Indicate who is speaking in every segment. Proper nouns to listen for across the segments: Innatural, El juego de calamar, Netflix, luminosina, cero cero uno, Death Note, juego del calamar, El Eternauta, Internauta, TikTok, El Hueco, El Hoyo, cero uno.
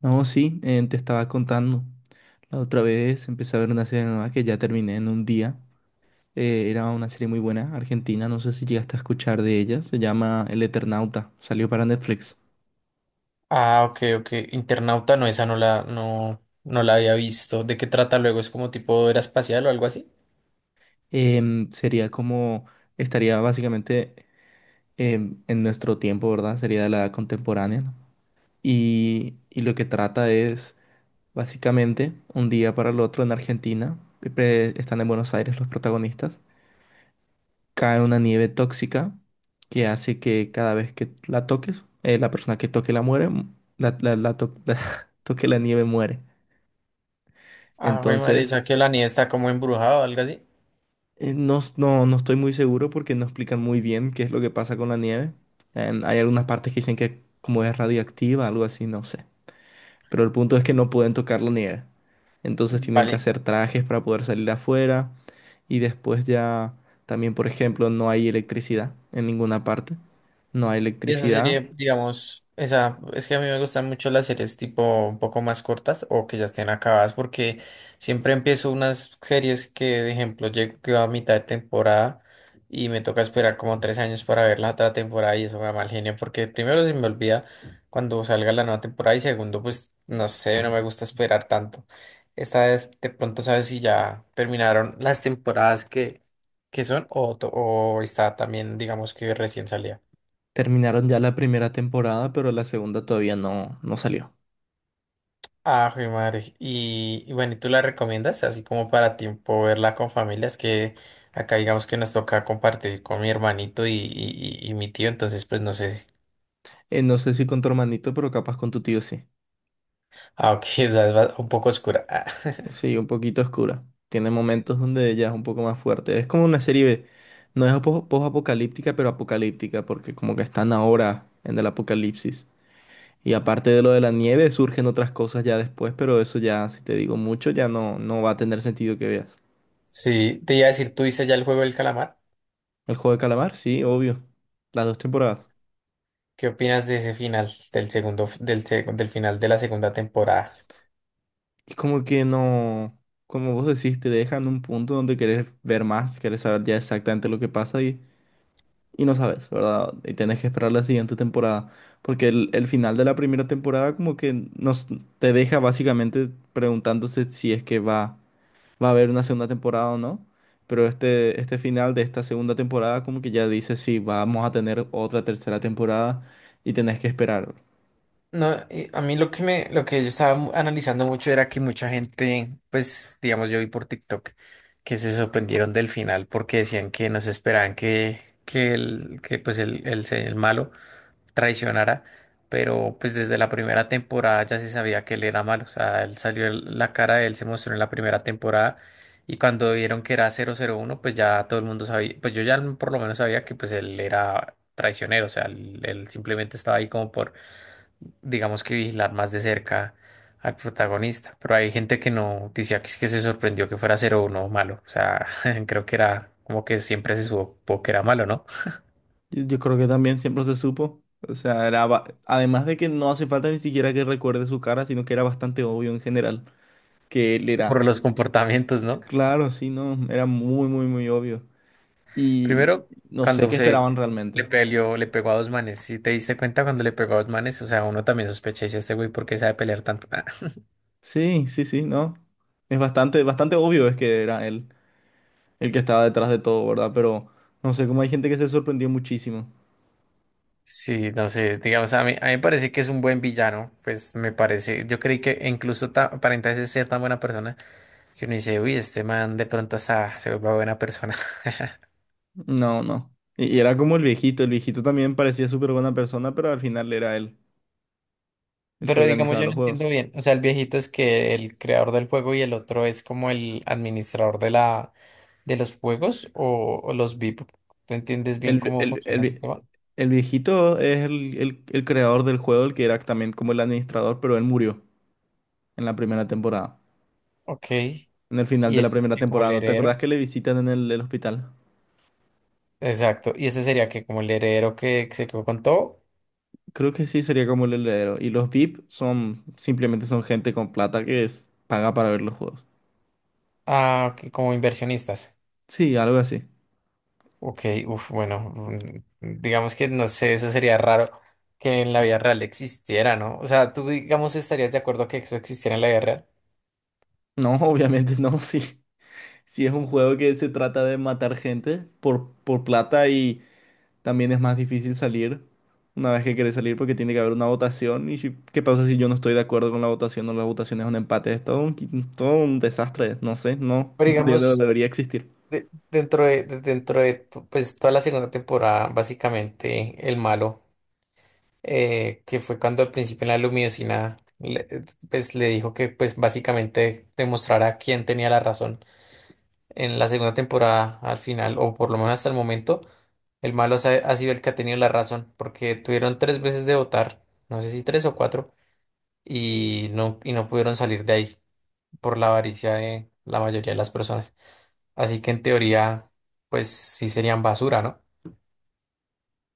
Speaker 1: No, sí, te estaba contando. La otra vez empecé a ver una serie nueva que ya terminé en un día. Era una serie muy buena, argentina, no sé si llegaste a escuchar de ella. Se llama El Eternauta, salió para Netflix.
Speaker 2: Ah, ok, ok. Internauta, no, esa no la, no, no la había visto. ¿De qué trata luego? ¿Es como tipo era espacial o algo así?
Speaker 1: Sería como, estaría básicamente en nuestro tiempo, ¿verdad? Sería de la edad contemporánea, ¿no? Y lo que trata es, básicamente, un día para el otro en Argentina. Están en Buenos Aires los protagonistas, cae una nieve tóxica que hace que cada vez que la toques, la persona que toque la muere, la toque la nieve muere.
Speaker 2: Ah, güey, madre, esa
Speaker 1: Entonces,
Speaker 2: que la nieve está como embrujada o algo así.
Speaker 1: no, no, no estoy muy seguro porque no explican muy bien qué es lo que pasa con la nieve. Hay algunas partes que dicen que como es radiactiva, algo así, no sé. Pero el punto es que no pueden tocar la nieve. Entonces tienen que
Speaker 2: Vale.
Speaker 1: hacer trajes para poder salir afuera. Y después ya también, por ejemplo, no hay electricidad en ninguna parte. No hay
Speaker 2: Y esa
Speaker 1: electricidad.
Speaker 2: serie, digamos, esa, es que a mí me gustan mucho las series tipo un poco más cortas o que ya estén acabadas porque siempre empiezo unas series que, de ejemplo, llego que va a mitad de temporada y me toca esperar como 3 años para ver la otra temporada y eso me da mal genio porque primero se me olvida cuando salga la nueva temporada y segundo, pues no sé, no me gusta esperar tanto. Esta vez de pronto sabes si ya terminaron las temporadas que son o está también, digamos que recién salía.
Speaker 1: Terminaron ya la primera temporada, pero la segunda todavía no, no salió.
Speaker 2: Ah, jue madre. Y bueno, ¿y tú la recomiendas así como para tiempo verla con familias que acá digamos que nos toca compartir con mi hermanito y mi tío, entonces pues no sé.
Speaker 1: No sé si con tu hermanito, pero capaz con tu tío sí.
Speaker 2: Ah, ok, esa es un poco oscura. Ah,
Speaker 1: Sí, un poquito oscura. Tiene momentos donde ella es un poco más fuerte. Es como una serie, B. no es po- post-apocalíptica, pero apocalíptica, porque como que están ahora en el apocalipsis. Y aparte de lo de la nieve, surgen otras cosas ya después, pero eso ya, si te digo mucho, ya no, no va a tener sentido que veas.
Speaker 2: Sí, te iba a decir, ¿tú viste ya el juego del calamar?
Speaker 1: El juego de calamar, sí, obvio. Las dos temporadas.
Speaker 2: ¿Qué opinas de ese final del segundo, f- del, seg- del final de la segunda temporada?
Speaker 1: Es como que no, como vos decís, te dejan un punto donde querés ver más, querés saber ya exactamente lo que pasa y no sabes, ¿verdad? Y tenés que esperar la siguiente temporada, porque el final de la primera temporada como que nos te deja básicamente preguntándose si es que va a haber una segunda temporada o no, pero este final de esta segunda temporada como que ya dice si vamos a tener otra tercera temporada y tenés que esperar.
Speaker 2: No, y a mí lo que yo estaba analizando mucho era que mucha gente, pues, digamos, yo vi por TikTok que se sorprendieron del final porque decían que no se esperaban que el, que pues el, se- el malo traicionara, pero pues desde la primera temporada ya se sabía que él era malo, o sea, él salió, la cara de él se mostró en la primera temporada y cuando vieron que era 001 pues ya todo el mundo sabía, pues yo ya por lo menos sabía que pues él era traicionero, o sea, él simplemente estaba ahí como por digamos que vigilar más de cerca al protagonista. Pero hay gente que no decía que es que se sorprendió que fuera 01 malo. O sea, creo que era como que siempre se supo que era malo, ¿no?
Speaker 1: Yo creo que también siempre se supo. O sea, era además de que no hace falta ni siquiera que recuerde su cara, sino que era bastante obvio en general que él era.
Speaker 2: Por los comportamientos, ¿no?
Speaker 1: Claro, sí, no, era muy, muy, muy obvio. Y
Speaker 2: Primero,
Speaker 1: no sé
Speaker 2: cuando
Speaker 1: qué
Speaker 2: se
Speaker 1: esperaban
Speaker 2: le
Speaker 1: realmente.
Speaker 2: peleó, le pegó a dos manes. Si te diste cuenta cuando le pegó a dos manes, o sea, uno también sospecha, dice este güey, ¿por qué sabe pelear tanto? Ah.
Speaker 1: Sí, sí, sí, no. Es bastante, bastante obvio es que era él el que estaba detrás de todo, ¿verdad? Pero no sé cómo hay gente que se sorprendió muchísimo.
Speaker 2: Sí, no sé, digamos, a mí me parece que es un buen villano, pues me parece, yo creí que incluso aparenta ser tan buena persona. Que uno dice, uy, este man de pronto hasta se vuelve buena persona.
Speaker 1: No, no. Y era como el viejito. El viejito también parecía súper buena persona, pero al final era él el que
Speaker 2: Pero digamos,
Speaker 1: organizaba
Speaker 2: yo no
Speaker 1: los juegos.
Speaker 2: entiendo bien. O sea, el viejito es que el creador del juego y el otro es como el administrador de de los juegos o los VIP. ¿Tú entiendes bien
Speaker 1: El,
Speaker 2: cómo
Speaker 1: el- el
Speaker 2: funciona ese
Speaker 1: vie-
Speaker 2: tema?
Speaker 1: el viejito es el creador del juego, el que era también como el administrador, pero él murió en la primera temporada.
Speaker 2: Ok.
Speaker 1: En el final
Speaker 2: Y
Speaker 1: de la
Speaker 2: este es
Speaker 1: primera
Speaker 2: que como el
Speaker 1: temporada, ¿no te acordás
Speaker 2: heredero.
Speaker 1: que le visitan en el hospital?
Speaker 2: Exacto. Y este sería que como el heredero que se quedó con todo,
Speaker 1: Creo que sí sería como el heredero. Y los VIP son simplemente son gente con plata que es, paga para ver los juegos.
Speaker 2: ah, que como inversionistas.
Speaker 1: Sí, algo así.
Speaker 2: Ok, uf, bueno, digamos que no sé, eso sería raro que en la vida real existiera, ¿no? O sea, tú, digamos, estarías de acuerdo que eso existiera en la vida real.
Speaker 1: No, obviamente no, sí. Si es un juego que se trata de matar gente por plata. También es más difícil salir una vez que querés salir porque tiene que haber una votación. ¿Y si, qué pasa si yo no estoy de acuerdo con la votación o la votación es un empate? Es todo un, todo un desastre. No sé, no,
Speaker 2: Pero
Speaker 1: no no
Speaker 2: digamos,
Speaker 1: debería existir.
Speaker 2: dentro de pues, toda la segunda temporada, básicamente, el malo, que fue cuando al principio en la luminosina, pues, le dijo que, pues, básicamente demostrara quién tenía la razón en la segunda temporada, al final, o por lo menos hasta el momento. El malo ha sido el que ha tenido la razón, porque tuvieron tres veces de votar, no sé si tres o cuatro, y no pudieron salir de ahí por la avaricia de la mayoría de las personas. Así que en teoría, pues sí serían basura, ¿no?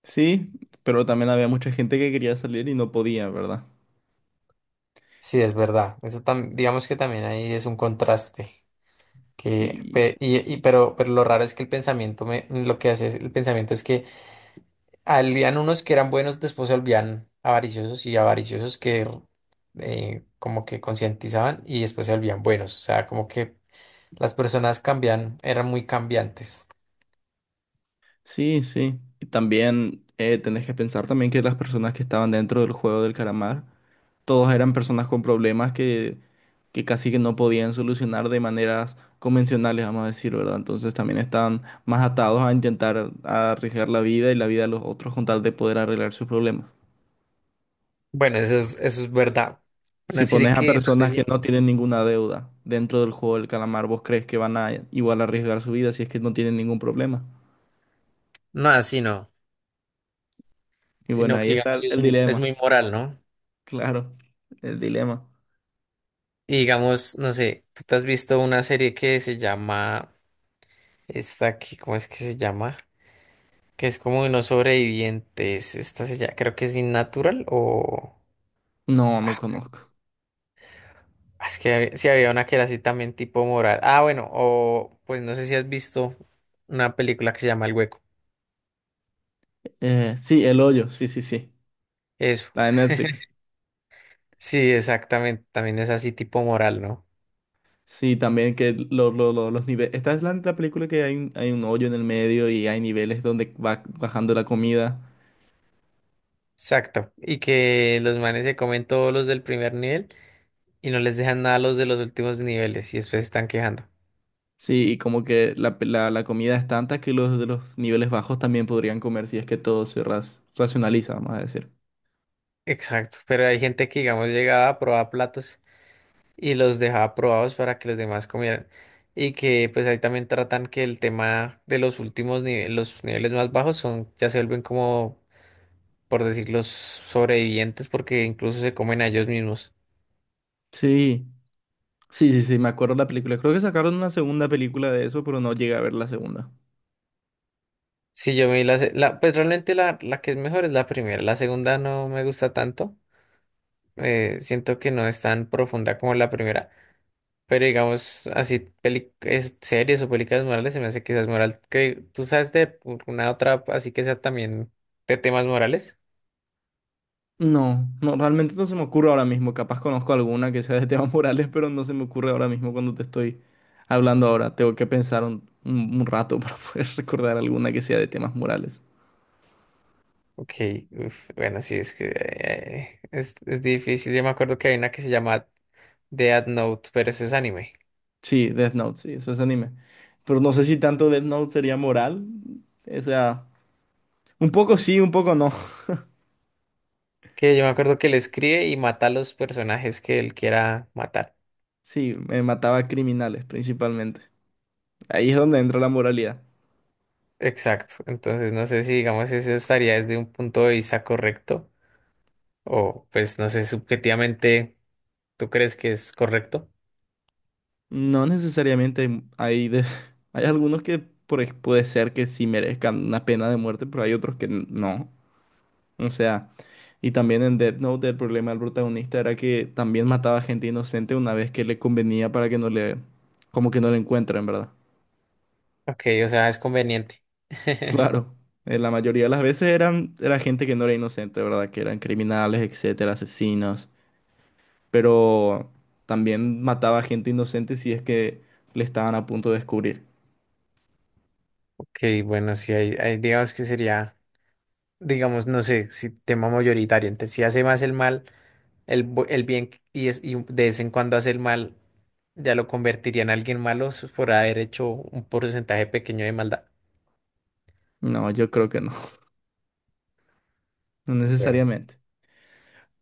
Speaker 1: Sí, pero también había mucha gente que quería salir y no podía, ¿verdad?
Speaker 2: Sí, es verdad. Eso digamos que también ahí es un contraste. Que,
Speaker 1: Y
Speaker 2: pe- y- pero lo raro es que el pensamiento, me, lo que hace es- el pensamiento es que habían unos que eran buenos, después se volvían avariciosos y avariciosos que como que concientizaban y después se volvían buenos. O sea, como que las personas cambian, eran muy cambiantes.
Speaker 1: sí, sí. Y también tenés que pensar también que las personas que estaban dentro del juego del calamar, todos eran personas con problemas que casi que no podían solucionar de maneras convencionales, vamos a decir, ¿verdad? Entonces también estaban más atados a intentar arriesgar la vida y la vida de los otros con tal de poder arreglar sus problemas.
Speaker 2: Bueno, eso es verdad. Una
Speaker 1: Si
Speaker 2: serie
Speaker 1: pones a
Speaker 2: que no sé
Speaker 1: personas que
Speaker 2: si,
Speaker 1: no tienen ninguna deuda dentro del juego del calamar, ¿vos crees que van a igual arriesgar su vida si es que no tienen ningún problema?
Speaker 2: no así no,
Speaker 1: Y bueno,
Speaker 2: sino
Speaker 1: ahí
Speaker 2: que
Speaker 1: está
Speaker 2: digamos es,
Speaker 1: el
Speaker 2: un- es
Speaker 1: dilema,
Speaker 2: muy moral, ¿no?
Speaker 1: claro, el dilema.
Speaker 2: Y digamos, no sé, tú te has visto una serie que se llama, esta aquí, ¿cómo es que se llama? Que es como unos sobrevivientes, esta se llama, creo que es Innatural.
Speaker 1: No, no
Speaker 2: Ah,
Speaker 1: conozco.
Speaker 2: es que si había una que era así también tipo moral. Ah, bueno, o pues no sé si has visto una película que se llama El Hueco.
Speaker 1: Sí, El Hoyo, sí, sí, sí,
Speaker 2: Eso.
Speaker 1: la de Netflix.
Speaker 2: Sí, exactamente. También es así tipo moral, ¿no?
Speaker 1: Sí, también que los niveles. Esta es la película que hay un hoyo en el medio y hay niveles donde va bajando la comida.
Speaker 2: Exacto. Y que los manes se comen todos los del primer nivel y no les dejan nada a los de los últimos niveles y después se están quejando.
Speaker 1: Sí, y como que la comida es tanta que los de los niveles bajos también podrían comer si es que todo se racionaliza, vamos a decir.
Speaker 2: Exacto. Pero hay gente que, digamos, llegaba a probar platos y los dejaba probados para que los demás comieran. Y que pues ahí también tratan que el tema de los últimos niveles, los niveles más bajos son, ya se vuelven como, por decir, los sobrevivientes porque incluso se comen a ellos mismos.
Speaker 1: Sí, sí, sí, sí, me acuerdo de la película. Creo que sacaron una segunda película de eso, pero no llegué a ver la segunda.
Speaker 2: Si yo me vi pues realmente la que es mejor es la primera, la segunda no me gusta tanto, siento que no es tan profunda como la primera, pero digamos así, series o películas morales se me hace quizás moral, que tú sabes de una otra así que sea también de temas morales.
Speaker 1: No, no, realmente no se me ocurre ahora mismo. Capaz conozco alguna que sea de temas morales, pero no se me ocurre ahora mismo cuando te estoy hablando ahora. Tengo que pensar un, un rato para poder recordar alguna que sea de temas morales.
Speaker 2: Ok, uf, bueno, sí, es que es difícil. Yo me acuerdo que hay una que se llama Death Note, pero eso es anime.
Speaker 1: Sí, Death Note, sí, eso es anime. Pero no sé si tanto Death Note sería moral. O sea, un poco sí, un poco no.
Speaker 2: Que yo me acuerdo que él escribe y mata a los personajes que él quiera matar.
Speaker 1: Sí, me mataba a criminales principalmente. Ahí es donde entra la moralidad.
Speaker 2: Exacto. Entonces, no sé si, digamos, eso estaría desde un punto de vista correcto o, pues, no sé, subjetivamente, ¿tú crees que es correcto?
Speaker 1: No necesariamente hay algunos que puede ser que sí merezcan una pena de muerte, pero hay otros que no. O sea, y también en Death Note el problema del protagonista era que también mataba gente inocente una vez que le convenía para que no le, como que no le encuentren, ¿verdad?
Speaker 2: Ok, o sea, es conveniente.
Speaker 1: Claro, la mayoría de las veces eran, era gente que no era inocente, ¿verdad? Que eran criminales, etcétera, asesinos, pero también mataba gente inocente si es que le estaban a punto de descubrir.
Speaker 2: Ok, bueno, sí, digamos que sería, digamos, no sé, si tema mayoritario, entonces si hace más el mal, el bien y de vez en cuando hace el mal, ya lo convertiría en alguien malo por haber hecho un porcentaje pequeño de maldad.
Speaker 1: No, yo creo que no, no
Speaker 2: Bueno,
Speaker 1: necesariamente.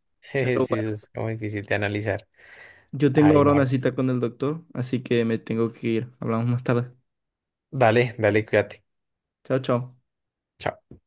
Speaker 2: sí,
Speaker 1: Pero
Speaker 2: eso
Speaker 1: bueno,
Speaker 2: es como difícil de analizar.
Speaker 1: yo tengo
Speaker 2: Ay,
Speaker 1: ahora
Speaker 2: no,
Speaker 1: una
Speaker 2: pues,
Speaker 1: cita con el doctor, así que me tengo que ir. Hablamos más tarde.
Speaker 2: dale, dale, cuídate.
Speaker 1: Chao, chao.
Speaker 2: Chao.